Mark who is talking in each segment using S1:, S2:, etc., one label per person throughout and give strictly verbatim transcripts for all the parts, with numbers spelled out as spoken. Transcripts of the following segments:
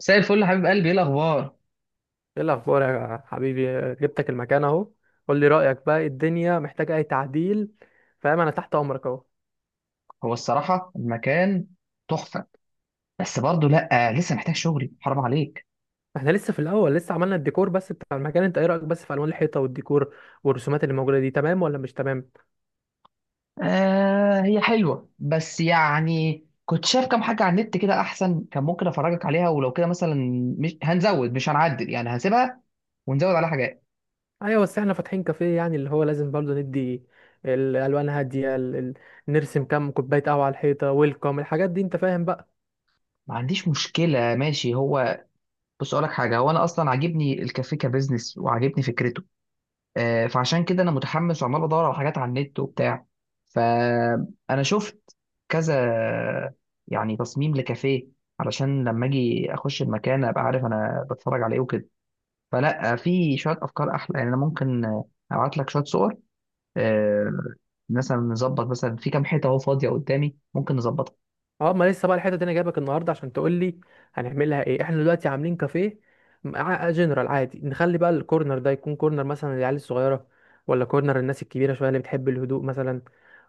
S1: مساء الفل يا حبيب قلبي، ايه الاخبار؟
S2: ايه الاخبار يا حبيبي؟ جبتك المكان اهو. قول لي رايك بقى، إيه الدنيا محتاجه اي تعديل؟ فاهم، انا تحت امرك اهو.
S1: هو الصراحه المكان تحفه. بس برضه لا، لسه محتاج شغلي، حرام عليك.
S2: احنا لسه في الاول، لسه عملنا الديكور بس بتاع المكان. انت ايه رايك بس في الوان الحيطه والديكور والرسومات اللي موجوده دي، تمام ولا مش تمام؟
S1: آه هي حلوه، بس يعني كنت شايف كام حاجه على النت كده احسن، كان ممكن افرجك عليها ولو كده مثلا. مش هنزود، مش هنعدل، يعني هسيبها ونزود عليها حاجات.
S2: ايوه بس احنا فاتحين كافيه، يعني اللي هو لازم برضه ندي الالوان هاديه، ال- ال- نرسم كام كوبايه قهوه على الحيطه ويلكم الحاجات دي، انت فاهم بقى.
S1: ما عنديش مشكله، ماشي. هو بص اقول لك حاجه، هو انا اصلا عاجبني الكافيه كبزنس وعاجبني فكرته. آه، فعشان كده انا متحمس وعمال بدور على حاجات على النت وبتاع. فانا شفت كذا يعني تصميم لكافيه، علشان لما اجي اخش المكان ابقى عارف انا بتفرج على ايه وكده. فلا، في شويه افكار احلى، يعني انا ممكن ابعت لك شويه صور. آه، مثلا نظبط، مثلا في كام حته اهو فاضيه قدامي ممكن نظبطها.
S2: اه، ما لسه بقى الحته دي، انا جايبك النهارده عشان تقول لي هنعملها ايه. احنا دلوقتي عاملين كافيه مع- جنرال عادي. نخلي بقى الكورنر ده يكون كورنر مثلا للعيال الصغيره، ولا كورنر الناس الكبيره شويه اللي بتحب الهدوء مثلا،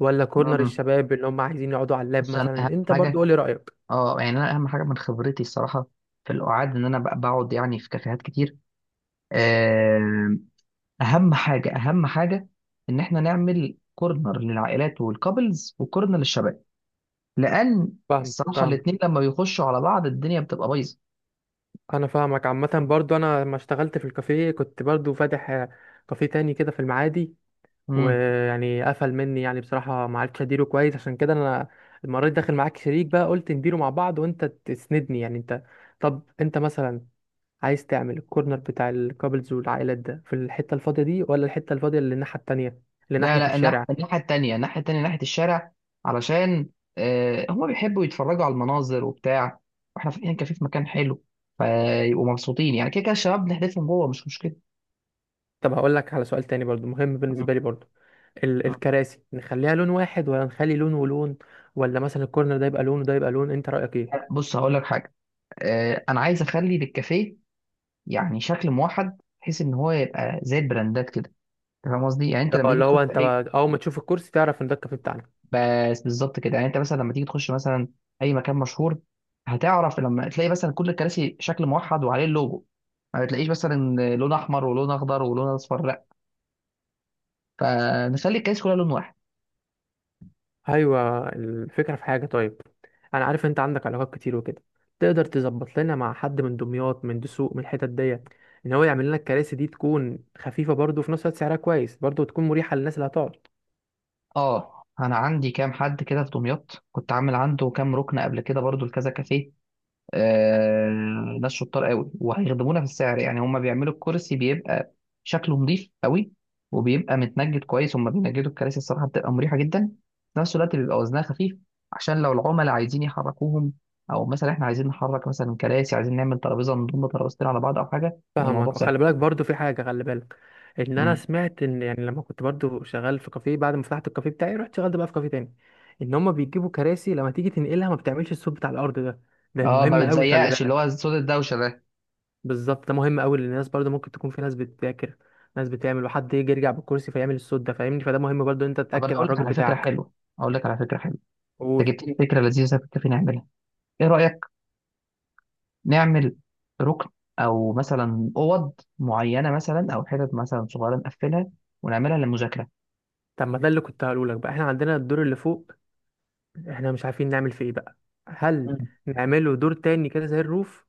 S2: ولا كورنر
S1: مم.
S2: الشباب اللي هم عايزين يقعدوا على اللاب
S1: بس انا
S2: مثلا؟
S1: اهم
S2: انت برضو
S1: حاجه،
S2: قولي رايك.
S1: اه يعني انا اهم حاجه من خبرتي الصراحه في القعاد، ان انا بق- بقعد يعني في كافيهات كتير. آه، اهم حاجه اهم حاجه ان احنا نعمل كورنر للعائلات والكابلز وكورنر للشباب، لان
S2: فاهم
S1: الصراحه
S2: فاهم.
S1: الاثنين لما بيخشوا على بعض الدنيا بتبقى بايظه.
S2: انا فاهمك. عامه برضو انا لما اشتغلت في الكافيه كنت برضو فاتح آه، كافيه تاني كده في المعادي،
S1: امم.
S2: ويعني قفل مني، يعني بصراحة ما عرفتش اديره كويس. عشان كده انا المرة دي داخل معاك شريك بقى، قلت نديره مع بعض وانت تسندني يعني. انت طب انت مثلا عايز تعمل الكورنر بتاع الكابلز والعائلات ده في الحتة الفاضية دي، ولا الحتة الفاضية اللي الناحية التانية اللي
S1: لا
S2: ناحية
S1: لا،
S2: الشارع؟
S1: الناح- الناحيه التانيه، الناحيه التانيه، ناحيه الشارع، علشان آه هم بيحبوا يتفرجوا على المناظر وبتاع، واحنا فاتحين كافيه في مكان حلو، فيبقوا مبسوطين. يعني كده كده الشباب بنحذفهم جوه، مش مشكله.
S2: طب هقول لك على سؤال تاني برضو مهم
S1: مم.
S2: بالنسبة لي برضو، ال
S1: مم.
S2: الكراسي نخليها لون واحد، ولا نخلي لون ولون، ولا مثلا الكورنر ده يبقى لون وده يبقى لون؟ انت رأيك ايه؟
S1: لا، بص هقول لك حاجه، آه انا عايز اخلي للكافيه يعني شكل موحد، بحيث ان هو يبقى زي البراندات كده. أنت فاهم قصدي؟ يعني انت لما
S2: اه،
S1: تيجي
S2: اللي
S1: تخش
S2: هو انت
S1: اي،
S2: بقى- اول ما تشوف الكرسي تعرف ان ده الكافيه بتاعنا.
S1: بس بالظبط كده. يعني انت مثلا لما تيجي تخش مثلا اي مكان مشهور، هتعرف لما تلاقي مثلا كل الكراسي شكل موحد وعليه اللوجو، ما بتلاقيش مثلا لون احمر ولون اخضر ولون اصفر، لا. فنخلي الكراسي كلها لون واحد.
S2: ايوه، الفكره في حاجه. طيب، انا عارف انت عندك علاقات كتير وكده، تقدر تظبط لنا مع حد من دمياط، من دسوق، من الحتت ديت، ان هو يعمل لنا الكراسي دي تكون خفيفه برضو، وفي نفس الوقت سعرها كويس برضو، وتكون مريحه للناس اللي هتقعد.
S1: اه، انا عندي كام حد كده في دمياط، كنت عامل عنده كام ركن قبل كده برضو لكذا كافيه. آه، ناس شطار قوي وهيخدمونا في السعر. يعني هما بيعملوا الكرسي، بيبقى شكله نظيف قوي، وبيبقى متنجد كويس. هما بينجدوا الكراسي الصراحه بتبقى مريحه جدا، في نفس الوقت بيبقى وزنها خفيف، عشان لو العملاء عايزين يحركوهم، او مثلا احنا عايزين نحرك مثلا كراسي، عايزين نعمل ترابيزه نضم ترابيزتين على بعض او حاجه، يبقى الموضوع
S2: فاهمك،
S1: سهل.
S2: وخلي بالك برضو في حاجه، خلي بالك ان انا
S1: مم.
S2: سمعت ان يعني لما كنت برضو شغال في كافيه، بعد ما فتحت الكافيه بتاعي رحت شغلت بقى في كافيه تاني، ان هما بيجيبوا كراسي لما تيجي تنقلها ما بتعملش الصوت بتاع الارض ده. ده
S1: اه، ما
S2: مهم قوي، خلي
S1: بتزيقش اللي هو
S2: بالك.
S1: صوت الدوشه ده.
S2: بالظبط، ده مهم قوي، لان الناس برضه ممكن تكون في ناس بتذاكر، ناس بتعمل، وحد يجي يرجع بالكرسي فيعمل الصوت ده، فاهمني؟ فده مهم برضه إن انت
S1: طب انا
S2: تتاكد على
S1: اقول لك
S2: الراجل
S1: على فكره
S2: بتاعك.
S1: حلوه، اقول لك على فكره حلوه. انت
S2: قول.
S1: جبت لي فكره لذيذه كنت نعملها. ايه رايك نعمل ركن، او مثلا اوض معينه، مثلا، او حتت مثلا صغيره نقفلها ونعملها للمذاكره؟
S2: طب ما ده اللي كنت هقوله لك بقى، احنا عندنا الدور اللي فوق، احنا مش عارفين نعمل فيه ايه بقى. هل
S1: مم.
S2: نعمله دور تاني كده زي الروف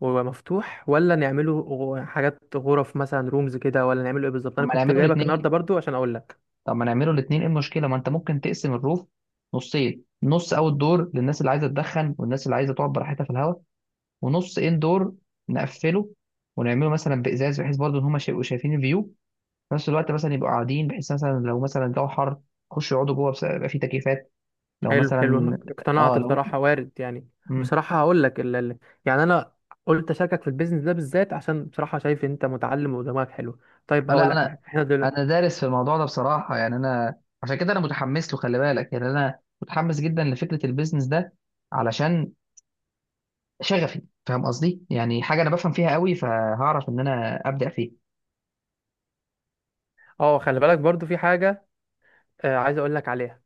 S2: ويبقى مفتوح، ولا نعمله غ- حاجات غرف مثلا، رومز كده، ولا نعمله ايه بالظبط؟
S1: طب
S2: انا
S1: ما
S2: كنت
S1: نعمله
S2: جايبك النهارده
S1: الاثنين،
S2: برضو عشان اقول لك.
S1: طب ما نعمله الاثنين، ايه المشكله؟ ما انت ممكن تقسم الروف نصين: نص اوت دور للناس اللي عايزه تدخن والناس اللي عايزه تقعد براحتها في الهواء، ونص ان دور نقفله ونعمله مثلا بازاز، بحيث برضه ان هم يبقوا شايفين الفيو، في نفس الوقت مثلا يبقوا قاعدين. بحيث مثلا لو مثلا الجو حر يخشوا يقعدوا جوه، بس- يبقى في تكييفات. لو
S2: حلو حلو، انا
S1: مثلا اه
S2: اقتنعت
S1: لو.
S2: بصراحة، وارد يعني.
S1: مم.
S2: بصراحة هقول لك ال... ال- يعني انا قلت اشاركك في البيزنس ده بالذات عشان بصراحة شايف انت متعلم ودماغك حلو. طيب
S1: آه، لا،
S2: هقول لك على
S1: انا
S2: حاجة احنا دلوقتي.
S1: انا دارس في الموضوع ده بصراحه. يعني انا عشان كده انا متحمس له، خلي بالك، يعني انا متحمس جدا لفكره البيزنس ده علشان شغفي. فاهم قصدي؟ يعني حاجه انا بفهم فيها قوي، فهعرف ان انا ابدا فيها.
S2: اه، خلي بالك برضو في حاجة، آه عايز اقول لك عليها.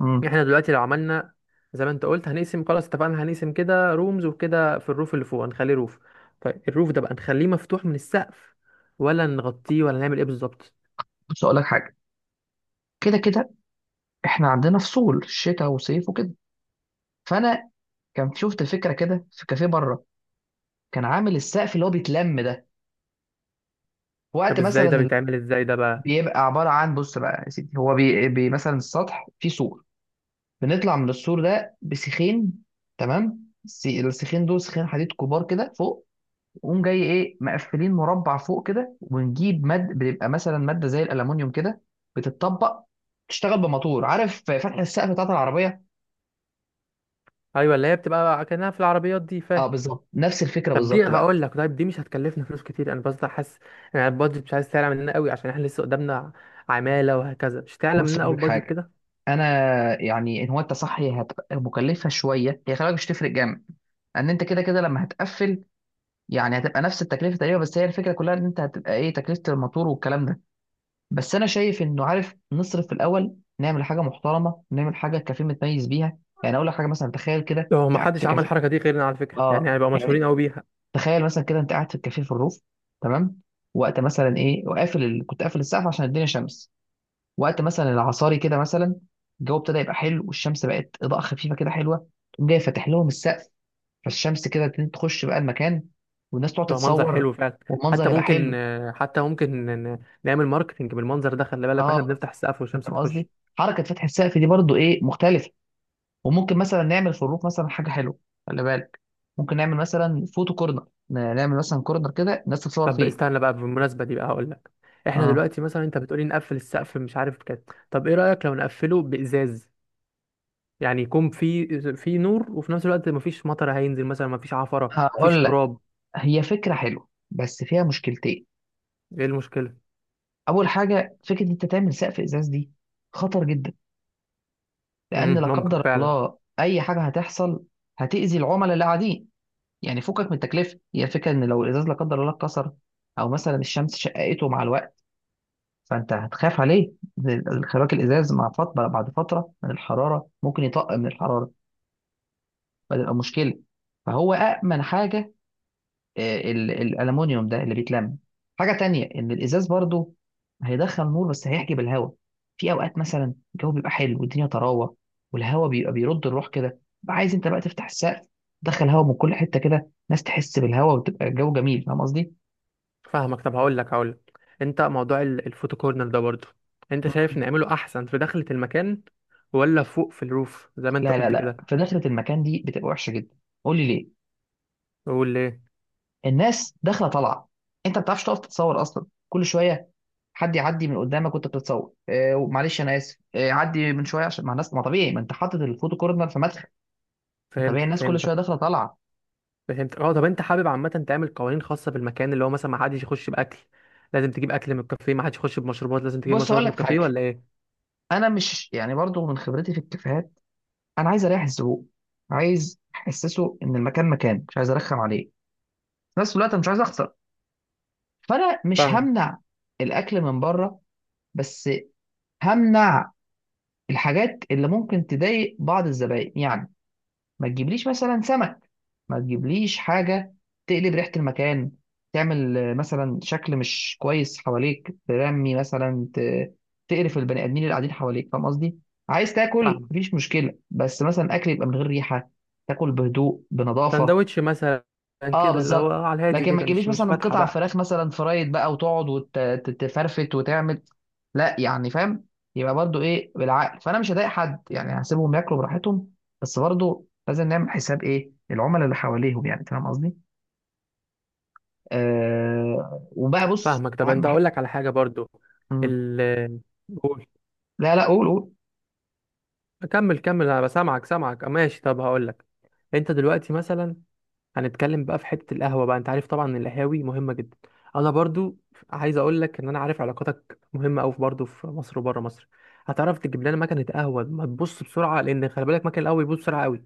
S1: امم.
S2: احنا دلوقتي لو عملنا زي ما انت قلت هنقسم. خلاص، اتفقنا هنقسم كده رومز وكده، في الروف اللي فوق هنخليه روف. طيب الروف ده بقى نخليه مفتوح من السقف، ولا نغطيه، ولا نعمل ايه بالظبط؟
S1: بص اقول لك حاجه، كده كده احنا عندنا فصول شتاء وصيف وكده، فانا كان شفت فكره كده في كافيه بره، كان عامل السقف اللي هو بيتلم ده. وقت
S2: طب ازاي ده
S1: مثلا ال-
S2: بيتعمل، ازاي ده بقى؟
S1: بيبقى عباره عن، بص بقى يا سيدي، هو بي, بي مثلا السطح فيه سور، بنطلع من السور ده بسيخين. تمام، الس- السيخين دول سيخين حديد كبار كده فوق، ونقوم جاي ايه مقفلين مربع فوق كده، ونجيب ماد بتبقى مثلا ماده زي الالومنيوم كده بتتطبق، تشتغل بموتور، عارف فتح السقف بتاعت العربيه.
S2: ايوه، اللي هي بتبقى كأنها في العربيات دي،
S1: اه
S2: فاهم.
S1: بالظبط، نفس الفكره
S2: طب دي
S1: بالظبط بقى.
S2: هقول لك، طيب دي مش هتكلفنا فلوس كتير؟ انا بس حاسس يعني البادجت مش عايز تعلى مننا قوي، عشان احنا لسه قدامنا عماله وهكذا، مش تعلى
S1: بص
S2: مننا
S1: اقول
S2: قوي
S1: لك
S2: البادجت
S1: حاجه،
S2: كده.
S1: انا يعني ان هو انت صح، هي هتبقى مكلفه شويه، هي خلي بالك مش تفرق جامد، ان انت كده كده لما هتقفل يعني هتبقى نفس التكلفه تقريبا. بس هي الفكره كلها ان انت هتبقى ايه تكلفه الموتور والكلام ده. بس انا شايف انه عارف، نصرف في الاول نعمل حاجه محترمه، نعمل حاجه الكافيه متميز بيها. يعني اقول لك حاجه، مثلا تخيل كده انت
S2: هو ما
S1: قاعد في
S2: حدش عمل
S1: كافيه.
S2: الحركه دي غيرنا على فكره، يعني
S1: اه
S2: هيبقى
S1: يعني
S2: مشهورين قوي بيها.
S1: تخيل مثلا كده انت قاعد في الكافيه في الروف، تمام، وقت مثلا ايه وقافل ال... كنت قافل السقف عشان الدنيا شمس، وقت مثلا العصاري كده مثلا، الجو ابتدى يبقى حلو والشمس بقت اضاءه خفيفه كده حلوه. تقوم جاي فاتح لهم السقف، فالشمس كده تبتدي تخش بقى المكان، والناس تقعد
S2: هيبقى منظر
S1: تتصور،
S2: حلو فعلا.
S1: والمنظر
S2: حتى
S1: هيبقى
S2: ممكن
S1: حلو.
S2: آه، حتى ممكن ن- نعمل ماركتنج بالمنظر ده، خلي بالك، واحنا
S1: اه،
S2: بنفتح السقف
S1: أنت
S2: والشمس
S1: فاهم
S2: هتخش.
S1: قصدي؟ حركه فتح السقف دي برضو ايه مختلفه. وممكن مثلا نعمل في الروف مثلا حاجه حلوه، خلي بالك، ممكن نعمل مثلا فوتو كورنر، ن- نعمل مثلا كورنر كده الناس تتصور
S2: طب
S1: فيه.
S2: استنى بقى، بالمناسبه دي بقى هقول لك، احنا
S1: اه
S2: دلوقتي مثلا انت بتقولي نقفل السقف مش عارف كده، طب ايه رايك لو نقفله بازاز؟ يعني يكون في في نور، وفي نفس الوقت مفيش مطر هينزل مثلا، مفيش عفرة، مفيش
S1: هقول لك،
S2: تراب.
S1: هي فكره حلوه بس فيها مشكلتين.
S2: ايه المشكلة؟
S1: اول حاجه، فكره إن انت تعمل سقف ازاز دي خطر جدا، لان
S2: مم،
S1: لا
S2: ممكن
S1: قدر
S2: فعلا.
S1: الله اي حاجه هتحصل هتاذي العملاء اللي قاعدين. يعني فكك من التكلفه، هي الفكره ان لو الازاز لا قدر الله اتكسر، او مثلا الشمس شققته مع الوقت، فانت هتخاف عليه. خراك الازاز مع فتره بعد فتره من الحراره ممكن يطق من الحراره، فتبقى مشكله. فهو أأمن حاجه آه، ال- الألمونيوم ده اللي بيتلم. حاجه تانية، ان الازاز برضو هيدخل نور بس هيحجب الهواء. في اوقات مثلا الجو بيبقى حلو والدنيا طراوه، والهواء بيبقى بيرد الروح كده، بقى عايز انت بقى تفتح السقف تدخل هواء من كل حته كده، ناس تحس بالهواء وتبقى الجو جميل. فاهم قصدي؟
S2: فاهمك. طب هقول لك هقول لك، انت موضوع ال- الفوتو كورنر ده برضه، انت شايف
S1: مم.
S2: نعمله احسن في داخلة المكان ولا فوق في الروف زي ما انت
S1: لا لا
S2: قلت
S1: لا،
S2: كده؟
S1: في دخلة المكان دي بتبقى وحشه جدا. قول لي ليه؟
S2: قول ليه.
S1: الناس داخله طالعه، انت ما بتعرفش تقف تتصور اصلا، كل شويه حد يعدي من قدامك وانت بتتصور. آه معلش انا اسف، آه عدي من شويه. عشان مع الناس ما طبيعي، ما انت حاطط الفوتو كورنر في مدخل، ما طبيعي
S2: فهمتك
S1: الناس كل
S2: فهمتك
S1: شويه داخله طالعه.
S2: فهمتك. اه طب انت حابب عامة تعمل قوانين خاصة بالمكان، اللي هو مثلا ما حدش يخش باكل، لازم تجيب اكل من الكافيه، ما حدش يخش بمشروبات لازم تجيب
S1: بص هقول
S2: مشروبات من
S1: لك
S2: الكافيه،
S1: حاجه،
S2: ولا ايه؟
S1: انا مش يعني برضو من خبرتي في الكافيهات، انا عايز اريح الزبون، عايز احسسه ان المكان مكان، مش عايز ارخم عليه. في نفس الوقت أنا مش عايز اخسر، فانا مش
S2: فاهم.
S1: همنع الاكل من بره، بس همنع الحاجات اللي ممكن تضايق بعض الزبائن. يعني ما تجيبليش مثلا سمك، ما تجيبليش حاجة تقلب ريحة المكان، تعمل آه، مثلا شكل مش كويس حواليك، ترمي مثلا، ت- تقرف البني آدمين اللي قاعدين حواليك. فاهم قصدي؟ عايز تاكل
S2: فاهم.
S1: مفيش مشكلة، بس مثلا أكل يبقى من غير ريحة، تاكل بهدوء بنظافة.
S2: سندوتش مثلا،
S1: اه
S2: كده اللي هو
S1: بالظبط.
S2: على الهادي
S1: لكن ما
S2: كده،
S1: تجيبليش
S2: مش مش
S1: مثلا
S2: فاتحه
S1: قطع
S2: بقى.
S1: فراخ مثلا فرايد بقى، وتقعد وتفرفت وتعمل، لا يعني، فاهم؟ يبقى برضو ايه بالعقل. فانا مش هضايق حد يعني، هسيبهم ياكلوا براحتهم، بس برضو لازم نعمل حساب ايه العملاء اللي حواليهم. يعني فاهم قصدي؟ آه وبقى بص،
S2: فاهمك. طب
S1: اهم
S2: انت
S1: حاجه.
S2: اقول لك على حاجه برضو
S1: مم.
S2: ال قول.
S1: لا لا، قول قول.
S2: كمل كمل انا بسامعك. سامعك ماشي. طب هقول لك، انت دلوقتي مثلا، هنتكلم بقى في حته القهوه بقى. انت عارف طبعا ان القهاوي مهمه جدا. انا برضو عايز اقول لك ان انا عارف علاقاتك مهمه قوي برضو في مصر وبره مصر. هتعرف تجيب لنا مكنه قهوه ما تبص بسرعه، لان خلي بالك مكنه القهوه بيبص بسرعه قوي.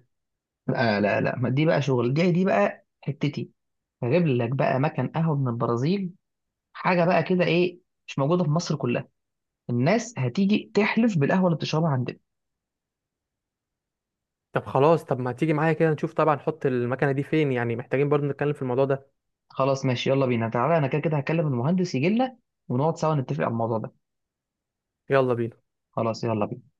S1: لا لا لا، ما دي بقى شغل، دي دي بقى حتتي. هجيب لك بقى مكان قهوه من البرازيل، حاجه بقى كده، ايه، مش موجوده في مصر كلها. الناس هتيجي تحلف بالقهوه اللي بتشربها عندنا.
S2: طب خلاص، طب ما تيجي معايا كده نشوف طبعا نحط المكنه دي فين، يعني محتاجين برضو نتكلم في الموضوع ده.
S1: خلاص ماشي، يلا بينا تعالى، انا كده كده هكلم المهندس يجي لنا ونقعد سوا نتفق على الموضوع ده.
S2: يلا بينا.
S1: خلاص، يلا بينا.